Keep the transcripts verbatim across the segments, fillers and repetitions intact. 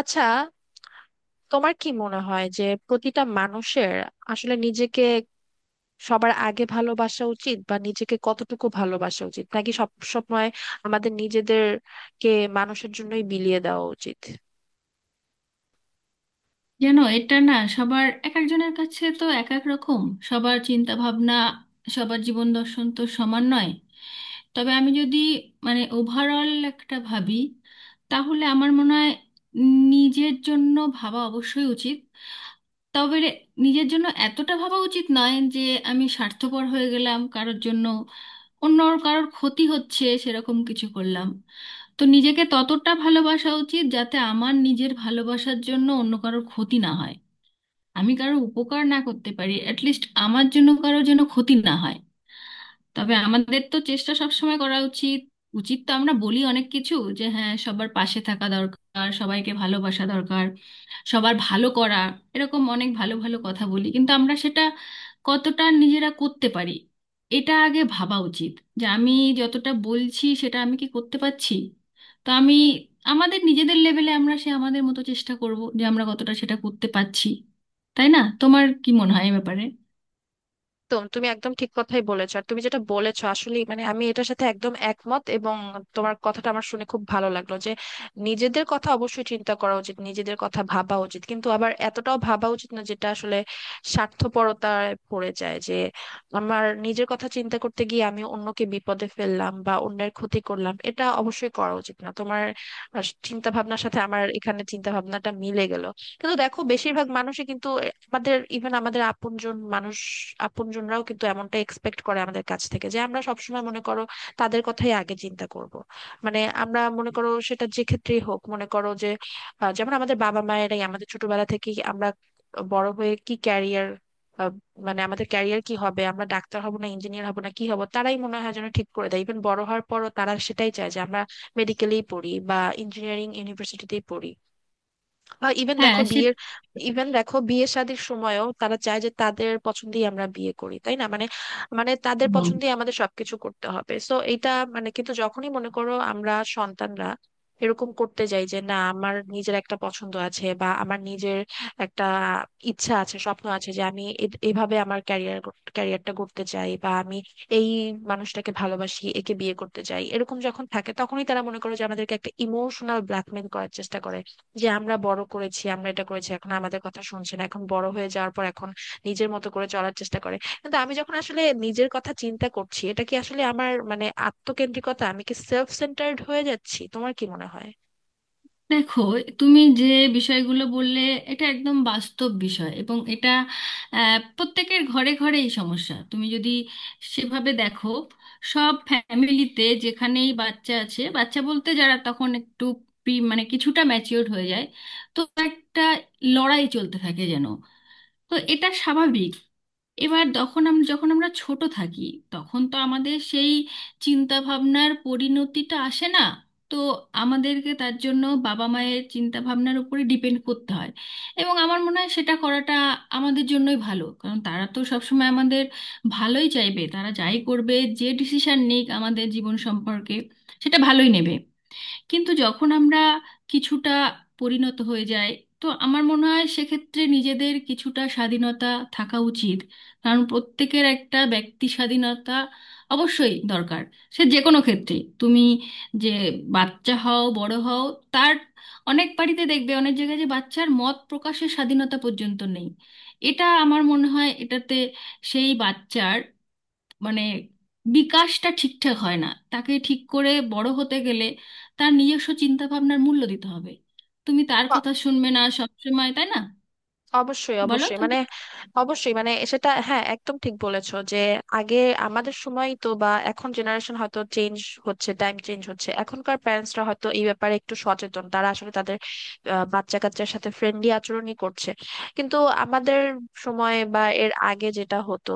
আচ্ছা, তোমার কি মনে হয় যে প্রতিটা মানুষের আসলে নিজেকে সবার আগে ভালোবাসা উচিত, বা নিজেকে কতটুকু ভালোবাসা উচিত, নাকি সব সময় আমাদের নিজেদেরকে মানুষের জন্যই বিলিয়ে দেওয়া উচিত? জানো, এটা না সবার, এক একজনের কাছে তো এক এক রকম। সবার চিন্তা ভাবনা, সবার জীবন দর্শন তো সমান নয়। তবে আমি যদি মানে ওভারঅল একটা ভাবি, তাহলে আমার মনে হয় নিজের জন্য ভাবা অবশ্যই উচিত। তবে রে- নিজের জন্য এতটা ভাবা উচিত নয় যে আমি স্বার্থপর হয়ে গেলাম, কারোর জন্য অন্য কারোর ক্ষতি হচ্ছে সেরকম কিছু করলাম। তো নিজেকে ততটা ভালোবাসা উচিত যাতে আমার নিজের ভালোবাসার জন্য অন্য কারোর ক্ষতি না হয়। আমি কারো উপকার না করতে পারি, অ্যাটলিস্ট আমার জন্য কারো যেন ক্ষতি না হয়। তবে আমাদের তো চেষ্টা সবসময় করা উচিত। উচিত তো আমরা বলি অনেক কিছু, যে হ্যাঁ, সবার পাশে থাকা দরকার, সবাইকে ভালোবাসা দরকার, সবার ভালো করা, এরকম অনেক ভালো ভালো কথা বলি, কিন্তু আমরা সেটা কতটা নিজেরা করতে পারি এটা আগে ভাবা উচিত। যে আমি যতটা বলছি, সেটা আমি কি করতে পারছি। তো আমি, আমাদের নিজেদের লেভেলে আমরা সে আমাদের মতো চেষ্টা করব যে আমরা কতটা সেটা করতে পারছি। তাই না? তোমার কি মনে হয় এ ব্যাপারে? একদম, তুমি একদম ঠিক কথাই বলেছো। আর তুমি যেটা বলেছো আসলে মানে আমি এটার সাথে একদম একমত, এবং তোমার কথাটা আমার শুনে খুব ভালো লাগলো যে নিজেদের কথা অবশ্যই চিন্তা করা উচিত, নিজেদের কথা ভাবা উচিত, কিন্তু আবার এতটাও ভাবা উচিত না যেটা আসলে স্বার্থপরতায় পড়ে যায়, যে আমার নিজের কথা চিন্তা করতে গিয়ে আমি অন্যকে বিপদে ফেললাম বা অন্যের ক্ষতি করলাম। এটা অবশ্যই করা উচিত না। তোমার চিন্তা ভাবনার সাথে আমার এখানে চিন্তা ভাবনাটা মিলে গেল। কিন্তু দেখো বেশিরভাগ মানুষই কিন্তু আমাদের ইভেন আমাদের আপনজন মানুষ, আপনজনরাও কিন্তু এমনটা এক্সপেক্ট করে আমাদের কাছ থেকে যে আমরা সবসময় মনে করো তাদের কথাই আগে চিন্তা করব। মানে আমরা মনে করো সেটা যে ক্ষেত্রেই হোক, মনে করো যে আহ, যেমন আমাদের বাবা মায়েরাই আমাদের ছোটবেলা থেকেই আমরা বড় হয়ে কি ক্যারিয়ার, মানে আমাদের ক্যারিয়ার কি হবে, আমরা ডাক্তার হব না ইঞ্জিনিয়ার হব না কি হব তারাই মনে হয় যেন ঠিক করে দেয়। ইভেন বড় হওয়ার পরও তারা সেটাই চায় যে আমরা মেডিকেলেই পড়ি বা ইঞ্জিনিয়ারিং ইউনিভার্সিটিতেই পড়ি, বা ইভেন হ্যাঁ, দেখো বিয়ের, সেটা ইভেন দেখো বিয়ে শাদীর সময়ও তারা চায় যে তাদের পছন্দেই আমরা বিয়ে করি, তাই না? মানে, মানে তাদের একদম। পছন্দেই আমাদের সবকিছু করতে হবে। সো এটা, মানে কিন্তু যখনই মনে করো আমরা সন্তানরা এরকম করতে যাই যে না আমার নিজের একটা পছন্দ আছে বা আমার নিজের একটা ইচ্ছা আছে, স্বপ্ন আছে যে আমি এ- এভাবে আমার ক্যারিয়ার, ক্যারিয়ারটা করতে চাই, বা আমি এই মানুষটাকে ভালোবাসি একে বিয়ে করতে চাই, এরকম যখন থাকে তখনই তারা মনে করে যে আমাদেরকে একটা ইমোশনাল ব্ল্যাকমেল করার চেষ্টা করে যে আমরা বড় করেছি, আমরা এটা করেছি, এখন আমাদের কথা শুনছে না, এখন বড় হয়ে যাওয়ার পর এখন নিজের মতো করে চলার চেষ্টা করে। কিন্তু আমি যখন আসলে নিজের কথা চিন্তা করছি, এটা কি আসলে আমার মানে আত্মকেন্দ্রিকতা, আমি কি সেলফ সেন্টার্ড হয়ে যাচ্ছি? তোমার কি মনে হয়? দেখো, তুমি যে বিষয়গুলো বললে এটা একদম বাস্তব বিষয়, এবং এটা আহ, প্রত্যেকের ঘরে ঘরে এই সমস্যা। তুমি যদি সেভাবে দেখো, সব ফ্যামিলিতে যেখানেই বাচ্চা আছে, বাচ্চা বলতে যারা তখন একটু প্রি মানে কিছুটা ম্যাচিওর হয়ে যায়, তো একটা লড়াই চলতে থাকে যেন। তো এটা স্বাভাবিক। এবার তখন আমরা, যখন আমরা ছোট থাকি, তখন তো আমাদের সেই চিন্তা ভাবনার পরিণতিটা আসে না। তো আমাদেরকে তার জন্য বাবা মায়ের চিন্তা ভাবনার উপরে ডিপেন্ড করতে হয়। এবং আমার মনে হয় সেটা করাটা আমাদের জন্যই ভালো, কারণ তারা তো সবসময় আমাদের ভালোই চাইবে। তারা যাই করবে, যে ডিসিশন নিক আমাদের জীবন সম্পর্কে, সেটা ভালোই নেবে। কিন্তু যখন আমরা কিছুটা পরিণত হয়ে যাই, তো আমার মনে হয় সেক্ষেত্রে নিজেদের কিছুটা স্বাধীনতা থাকা উচিত। কারণ প্রত্যেকের একটা ব্যক্তি স্বাধীনতা অবশ্যই দরকার। সে যে কোনো ক্ষেত্রে, তুমি যে বাচ্চা হও বড় হও, তার অনেক বাড়িতে দেখবে, অনেক জায়গায় যে বাচ্চার মত প্রকাশের স্বাধীনতা পর্যন্ত নেই। এটা আমার মনে হয় এটাতে সেই বাচ্চার মানে বিকাশটা ঠিকঠাক হয় না। তাকে ঠিক করে বড় হতে গেলে তার নিজস্ব চিন্তা ভাবনার মূল্য দিতে হবে। তুমি তার কথা শুনবে না সবসময়, তাই না? অবশ্যই, বলো অবশ্যই, তুমি। মানে, অবশ্যই মানে সেটা হ্যাঁ একদম ঠিক বলেছো যে আগে, আমাদের সময় তো, বা এখন জেনারেশন হয়তো চেঞ্জ হচ্ছে, টাইম চেঞ্জ হচ্ছে, এখনকার প্যারেন্টসরা হয়তো এই ব্যাপারে একটু সচেতন, তারা আসলে তাদের আহ, বাচ্চা কাচ্চার সাথে ফ্রেন্ডলি আচরণই করছে। কিন্তু আমাদের সময় বা এর আগে যেটা হতো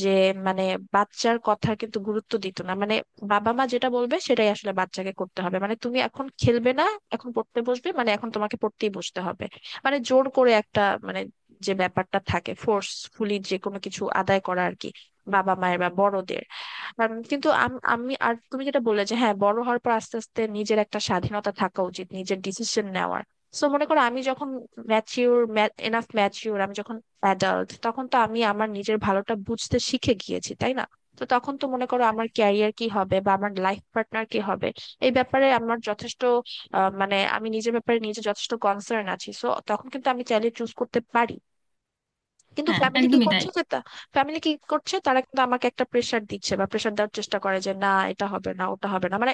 যে মানে বাচ্চার কথার কিন্তু গুরুত্ব দিত না, মানে বাবা মা যেটা বলবে সেটাই আসলে বাচ্চাকে করতে হবে, মানে তুমি এখন খেলবে না, এখন পড়তে বসবে, মানে এখন তোমাকে পড়তেই বসতে হবে, মানে জোর করে একটা, মানে যে ব্যাপারটা থাকে ফোর্সফুলি যে কোনো কিছু আদায় করা আর কি, বাবা মায়ের বা বড়দের। আম, কিন্তু আম- আমি আর তুমি যেটা বললে যে হ্যাঁ বড় হওয়ার পর আস্তে আস্তে নিজের একটা স্বাধীনতা থাকা উচিত, নিজের ডিসিশন নেওয়ার। সো মনে করো আমি যখন ম্যাচিউর, এনাফ ম্যাচিউর, আমি যখন অ্যাডাল্ট, তখন তো আমি আমার নিজের ভালোটা বুঝতে শিখে গিয়েছি, তাই না? তো তখন তো মনে করো আমার ক্যারিয়ার কি হবে বা আমার লাইফ পার্টনার কি হবে, এই ব্যাপারে আমার যথেষ্ট, আহ, মানে আমি নিজের ব্যাপারে নিজে যথেষ্ট কনসার্ন আছি, সো তখন কিন্তু আমি চাইলে চুজ করতে পারি। কিন্তু হ্যাঁ, ফ্যামিলি কি একদমই তাই। করছে যে তা- ফ্যামিলি কি করছে, তারা কিন্তু আমাকে একটা প্রেশার দিচ্ছে বা প্রেশার দেওয়ার চেষ্টা করে যে না এটা হবে না ওটা হবে না, মানে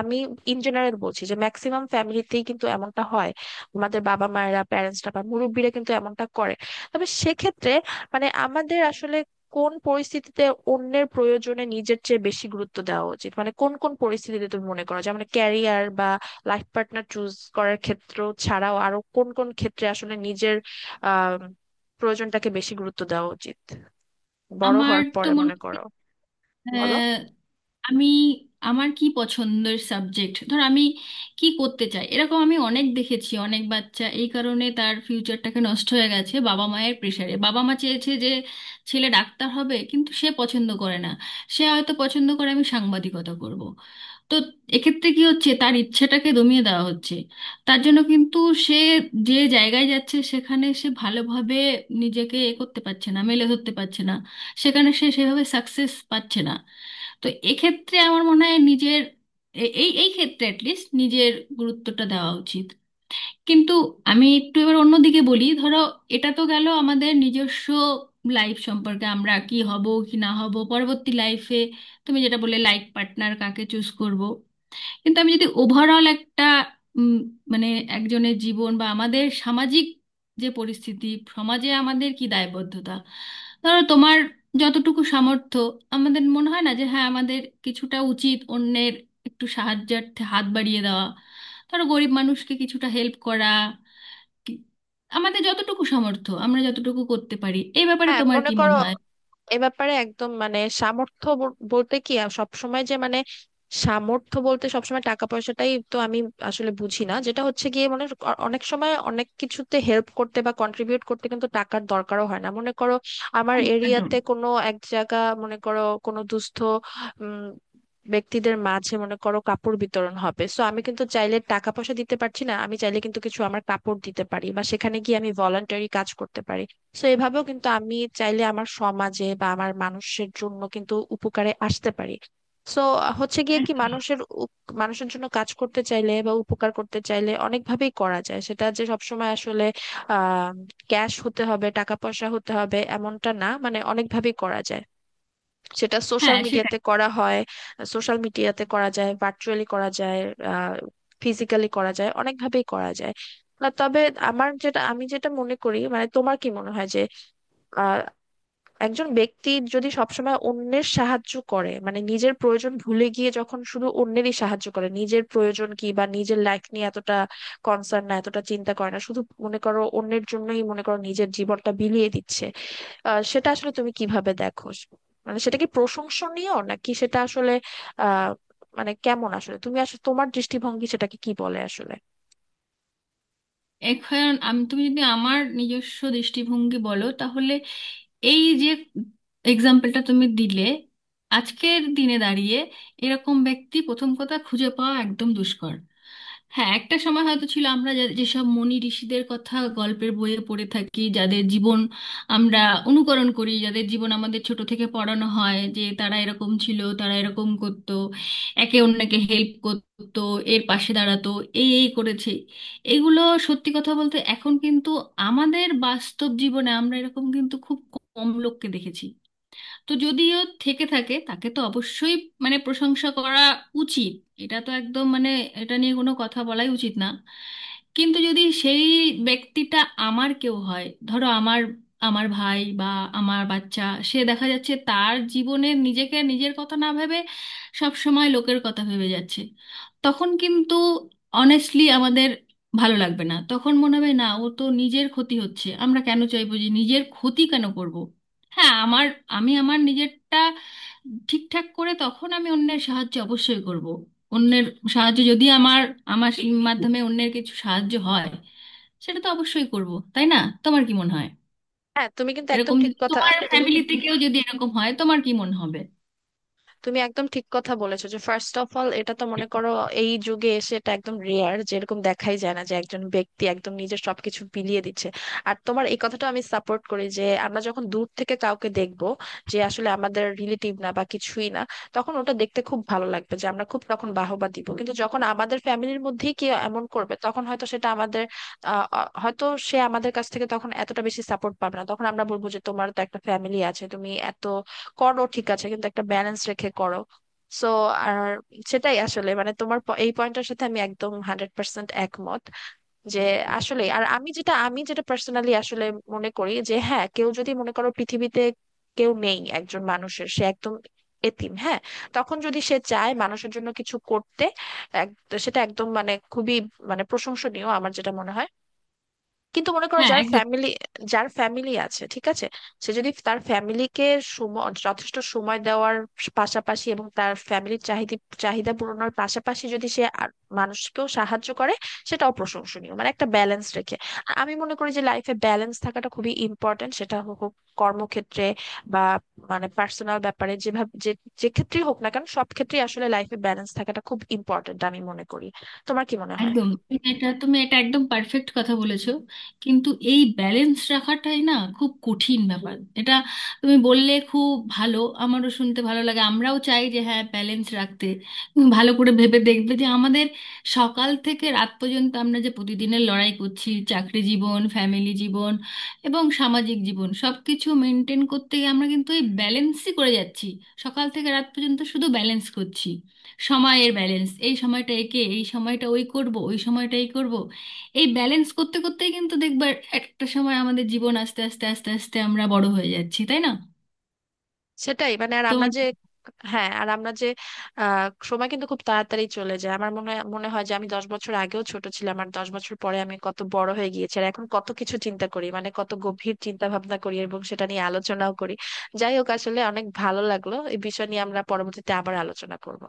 আমি ইন জেনারেল বলছি যে ম্যাক্সিমাম ফ্যামিলিতেই কিন্তু এমনটা হয়, আমাদের বাবা মায়েরা, প্যারেন্টসরা বা মুরব্বীরা কিন্তু এমনটা করে। তবে সেক্ষেত্রে মানে আমাদের আসলে কোন পরিস্থিতিতে অন্যের প্রয়োজনে নিজের চেয়ে বেশি গুরুত্ব দেওয়া উচিত, মানে কোন কোন পরিস্থিতিতে তুমি মনে করো যে মানে ক্যারিয়ার বা লাইফ পার্টনার চুজ করার ক্ষেত্র ছাড়াও আরো কোন কোন ক্ষেত্রে আসলে নিজের আহ প্রয়োজনটাকে বেশি গুরুত্ব দেওয়া উচিত বড় আমার হওয়ার তো পরে, মনে মনে করো? হয় বলো। আমি, আমার কি পছন্দের সাবজেক্ট, ধর আমি কি করতে চাই, এরকম আমি অনেক দেখেছি, অনেক বাচ্চা এই কারণে তার ফিউচারটাকে নষ্ট হয়ে গেছে বাবা মায়ের প্রেশারে। বাবা মা চেয়েছে যে ছেলে ডাক্তার হবে, কিন্তু সে পছন্দ করে না, সে হয়তো পছন্দ করে আমি সাংবাদিকতা করব। তো এক্ষেত্রে কি হচ্ছে, তার ইচ্ছাটাকে দমিয়ে দেওয়া হচ্ছে। তার জন্য কিন্তু সে যে জায়গায় যাচ্ছে, সেখানে সে ভালোভাবে নিজেকে এ করতে পারছে না, মেলে ধরতে পারছে না। সেখানে সে সেভাবে সাকসেস পাচ্ছে না। তো এক্ষেত্রে আমার মনে হয় নিজের এ- এই এই ক্ষেত্রে অ্যাটলিস্ট নিজের গুরুত্বটা দেওয়া উচিত। কিন্তু আমি একটু এবার অন্যদিকে বলি, ধরো এটা তো গেল আমাদের নিজস্ব লাইফ সম্পর্কে, আমরা কি হব কি না হব পরবর্তী লাইফে, তুমি যেটা বললে লাইফ পার্টনার কাকে চুজ করব। কিন্তু আমি যদি ওভারঅল একটা উম, মানে একজনের জীবন বা আমাদের সামাজিক যে পরিস্থিতি, সমাজে আমাদের কি দায়বদ্ধতা, ধরো তোমার যতটুকু সামর্থ্য, আমাদের মনে হয় না যে হ্যাঁ, আমাদের কিছুটা উচিত অন্যের একটু সাহায্যার্থে হাত বাড়িয়ে দেওয়া? ধরো গরিব মানুষকে কিছুটা হেল্প করা, কি- আমাদের যতটুকু সামর্থ্য আমরা যতটুকু করতে পারি। এই ব্যাপারে হ্যাঁ, তোমার মনে কি করো মনে হয়? এ ব্যাপারে একদম মানে সামর্থ্য ব- বলতে কি সব সময় যে মানে সামর্থ্য বলতে সবসময় টাকা পয়সাটাই তো আমি আসলে বুঝি না, যেটা হচ্ছে গিয়ে মানে অ- অনেক সময় অনেক কিছুতে হেল্প করতে বা কন্ট্রিবিউট করতে কিন্তু টাকার দরকারও হয় না। মনে করো আমার একদম। এরিয়াতে কোনো এক জায়গা, মনে করো কোনো দুস্থ উম, ব্যক্তিদের মাঝে মনে করো কাপড় বিতরণ হবে, সো আমি কিন্তু চাইলে টাকা পয়সা দিতে পারছি না, আমি চাইলে কিন্তু কিছু আমার কাপড় দিতে পারি বা সেখানে গিয়ে আমি ভলান্টারি কাজ করতে পারি। তো এভাবেও কিন্তু আমি চাইলে আমার সমাজে বা আমার মানুষের জন্য কিন্তু উপকারে আসতে পারি। তো হচ্ছে গিয়ে কি, একদম। মানুষের উপ- মানুষের জন্য কাজ করতে চাইলে বা উপকার করতে চাইলে অনেকভাবেই করা যায়, সেটা যে সবসময় আসলে আহ ক্যাশ হতে হবে, টাকা পয়সা হতে হবে এমনটা না, মানে অনেকভাবেই করা যায়। সেটা সোশ্যাল হ্যাঁ, সেটাই। মিডিয়াতে করা হয়, সোশ্যাল মিডিয়াতে করা যায়, ভার্চুয়ালি করা যায়, আহ ফিজিক্যালি করা যায়, অনেকভাবেই করা যায়। না তবে আমার যেটা, আমি যেটা মনে করি, মানে তোমার কি মনে হয় যে আহ একজন ব্যক্তি যদি সবসময় অন্যের সাহায্য করে, মানে নিজের প্রয়োজন ভুলে গিয়ে যখন শুধু অন্যেরই সাহায্য করে, নিজের প্রয়োজন কি বা নিজের লাইফ নিয়ে এতটা কনসার্ন না, এতটা চিন্তা করে না, শুধু মনে করো অন্যের জন্যই মনে করো নিজের জীবনটা বিলিয়ে দিচ্ছে, আহ সেটা আসলে তুমি কিভাবে দেখো? মানে সেটা কি প্রশংসনীয় নাকি সেটা আসলে আহ মানে কেমন আসলে, তুমি আসলে তোমার দৃষ্টিভঙ্গি সেটাকে কি বলে আসলে? এখন আমি, তুমি যদি আমার নিজস্ব দৃষ্টিভঙ্গি বলো, তাহলে এই যে এক্সাম্পলটা তুমি দিলে, আজকের দিনে দাঁড়িয়ে এরকম ব্যক্তি প্রথম কথা খুঁজে পাওয়া একদম দুষ্কর। হ্যাঁ, একটা সময় হয়তো ছিল, আমরা যা- যেসব মুনি ঋষিদের কথা গল্পের বইয়ে পড়ে থাকি, যাদের জীবন আমরা অনুকরণ করি, যাদের জীবন আমাদের ছোট থেকে পড়ানো হয়, যে তারা এরকম ছিল, তারা এরকম করতো, একে অন্যকে হেল্প করতো, এর পাশে দাঁড়াতো, এই এই করেছে, এগুলো। সত্যি কথা বলতে এখন কিন্তু আমাদের বাস্তব জীবনে আমরা এরকম কিন্তু খুব কম লোককে দেখেছি। তো যদিও থেকে থাকে, তাকে তো অবশ্যই মানে প্রশংসা করা উচিত। এটা তো একদম, মানে এটা নিয়ে কোনো কথা বলাই উচিত না। কিন্তু যদি সেই ব্যক্তিটা আমার কেউ হয়, ধরো আমার, আমার ভাই বা আমার বাচ্চা, সে দেখা যাচ্ছে তার জীবনে নিজেকে, নিজের কথা না ভেবে সব সময় লোকের কথা ভেবে যাচ্ছে, তখন কিন্তু অনেস্টলি আমাদের ভালো লাগবে না। তখন মনে হবে না, ও তো নিজের ক্ষতি হচ্ছে, আমরা কেন চাইবো যে নিজের ক্ষতি কেন করব। হ্যাঁ, আমার, আমি আমার নিজেরটা ঠিকঠাক করে তখন আমি অন্যের সাহায্য অবশ্যই করব। অন্যের সাহায্য যদি আমার, আমার মাধ্যমে অন্যের কিছু সাহায্য হয়, সেটা তো অবশ্যই করব, তাই না? তোমার কি মনে হয়? হ্যাঁ, তুমি কিন্তু একদম এরকম ঠিক যদি কথা। তোমার তুমি ফ্যামিলিতে কেউ যদি এরকম হয়, তোমার কি মনে হবে? তুমি একদম ঠিক কথা বলেছো যে ফার্স্ট অফ অল এটা তো মনে করো এই যুগে এসে এটা একদম রেয়ার, যেরকম দেখাই যায় না যে একজন ব্যক্তি একদম নিজের সবকিছু বিলিয়ে দিচ্ছে। আর তোমার এই কথাটা আমি সাপোর্ট করি যে আমরা যখন দূর থেকে কাউকে দেখব যে আসলে আমাদের রিলেটিভ না বা কিছুই না, তখন ওটা দেখতে খুব ভালো লাগবে, যে আমরা খুব তখন বাহবা দিব। কিন্তু যখন আমাদের ফ্যামিলির মধ্যেই কেউ এমন করবে তখন হয়তো সেটা আমাদের আহ, অ- হয়তো সে আমাদের কাছ থেকে তখন এতটা বেশি সাপোর্ট পাবে না, তখন আমরা বলবো যে তোমার তো একটা ফ্যামিলি আছে, তুমি এত করো ঠিক আছে, কিন্তু একটা ব্যালেন্স রেখে করো। সো, আর সেটাই আসলে মানে তোমার প- এই পয়েন্টটার সাথে আমি একদম হান্ড্রেড পার্সেন্ট একমত যে আসলে, আর আমি যেটা, আমি যেটা পার্সোনালি আসলে মনে করি যে হ্যাঁ কেউ যদি মনে করো পৃথিবীতে কেউ নেই একজন মানুষের, সে একদম এতিম, হ্যাঁ, তখন যদি সে চায় মানুষের জন্য কিছু করতে, এক- সেটা একদম মানে খুবই মানে প্রশংসনীয়, আমার যেটা মনে হয়। কিন্তু মনে করো হ্যাঁ, যার একদম। ফ্যামিলি, যার ফ্যামিলি আছে ঠিক আছে, সে যদি তার ফ্যামিলিকে সময়, যথেষ্ট সময় দেওয়ার পাশাপাশি, এবং তার ফ্যামিলির চাহিদা, চাহিদা পূরণের পাশাপাশি যদি সে আর মানুষকেও সাহায্য করে সেটাও প্রশংসনীয়, মানে একটা ব্যালেন্স রেখে। আর আমি মনে করি যে লাইফে ব্যালেন্স থাকাটা খুবই ইম্পর্ট্যান্ট, সেটা হোক হোক কর্মক্ষেত্রে বা মানে পার্সোনাল ব্যাপারে, যেভাবে যে, যে ক্ষেত্রেই হোক না কেন সব ক্ষেত্রেই আসলে লাইফে ব্যালেন্স থাকাটা খুব ইম্পর্ট্যান্ট আমি মনে করি। তোমার কি মনে হয়? একদম তুমি এটা, তুমি এটা একদম পারফেক্ট কথা বলেছো। কিন্তু এই ব্যালেন্স রাখাটাই না খুব কঠিন ব্যাপার এটা। তুমি বললে খুব ভালো, আমারও শুনতে ভালো লাগে, আমরাও চাই যে হ্যাঁ, ব্যালেন্স রাখতে। তুমি ভালো করে ভেবে দেখবে যে আমাদের সকাল থেকে রাত পর্যন্ত আমরা যে প্রতিদিনের লড়াই করছি, চাকরি জীবন, ফ্যামিলি জীবন এবং সামাজিক জীবন সব কিছু মেনটেন করতে গিয়ে আমরা কিন্তু এই ব্যালেন্সই করে যাচ্ছি। সকাল থেকে রাত পর্যন্ত শুধু ব্যালেন্স করছি। সময়ের ব্যালেন্স, এই সময়টা একে, এই সময়টা ওই করব, ওই সময়টা এই করব। এই ব্যালেন্স করতে করতেই কিন্তু দেখবার একটা সময় আমাদের জীবন, আস্তে আস্তে আস্তে আস্তে আমরা বড় হয়ে যাচ্ছি, তাই না? সেটাই, মানে আর আমরা তোমার যে, হ্যাঁ আর আমরা যে আহ সময় কিন্তু খুব তাড়াতাড়ি চলে যায়, আমার মনে হয়, মনে হয় যে আমি দশ বছর আগেও ছোট ছিলাম, আর দশ বছর পরে আমি কত বড় হয়ে গিয়েছি, আর এখন কত কিছু চিন্তা করি, মানে কত গভীর চিন্তা ভাবনা করি এবং সেটা নিয়ে আলোচনাও করি। যাই হোক, আসলে অনেক ভালো লাগলো, এই বিষয় নিয়ে আমরা পরবর্তীতে আবার আলোচনা করব।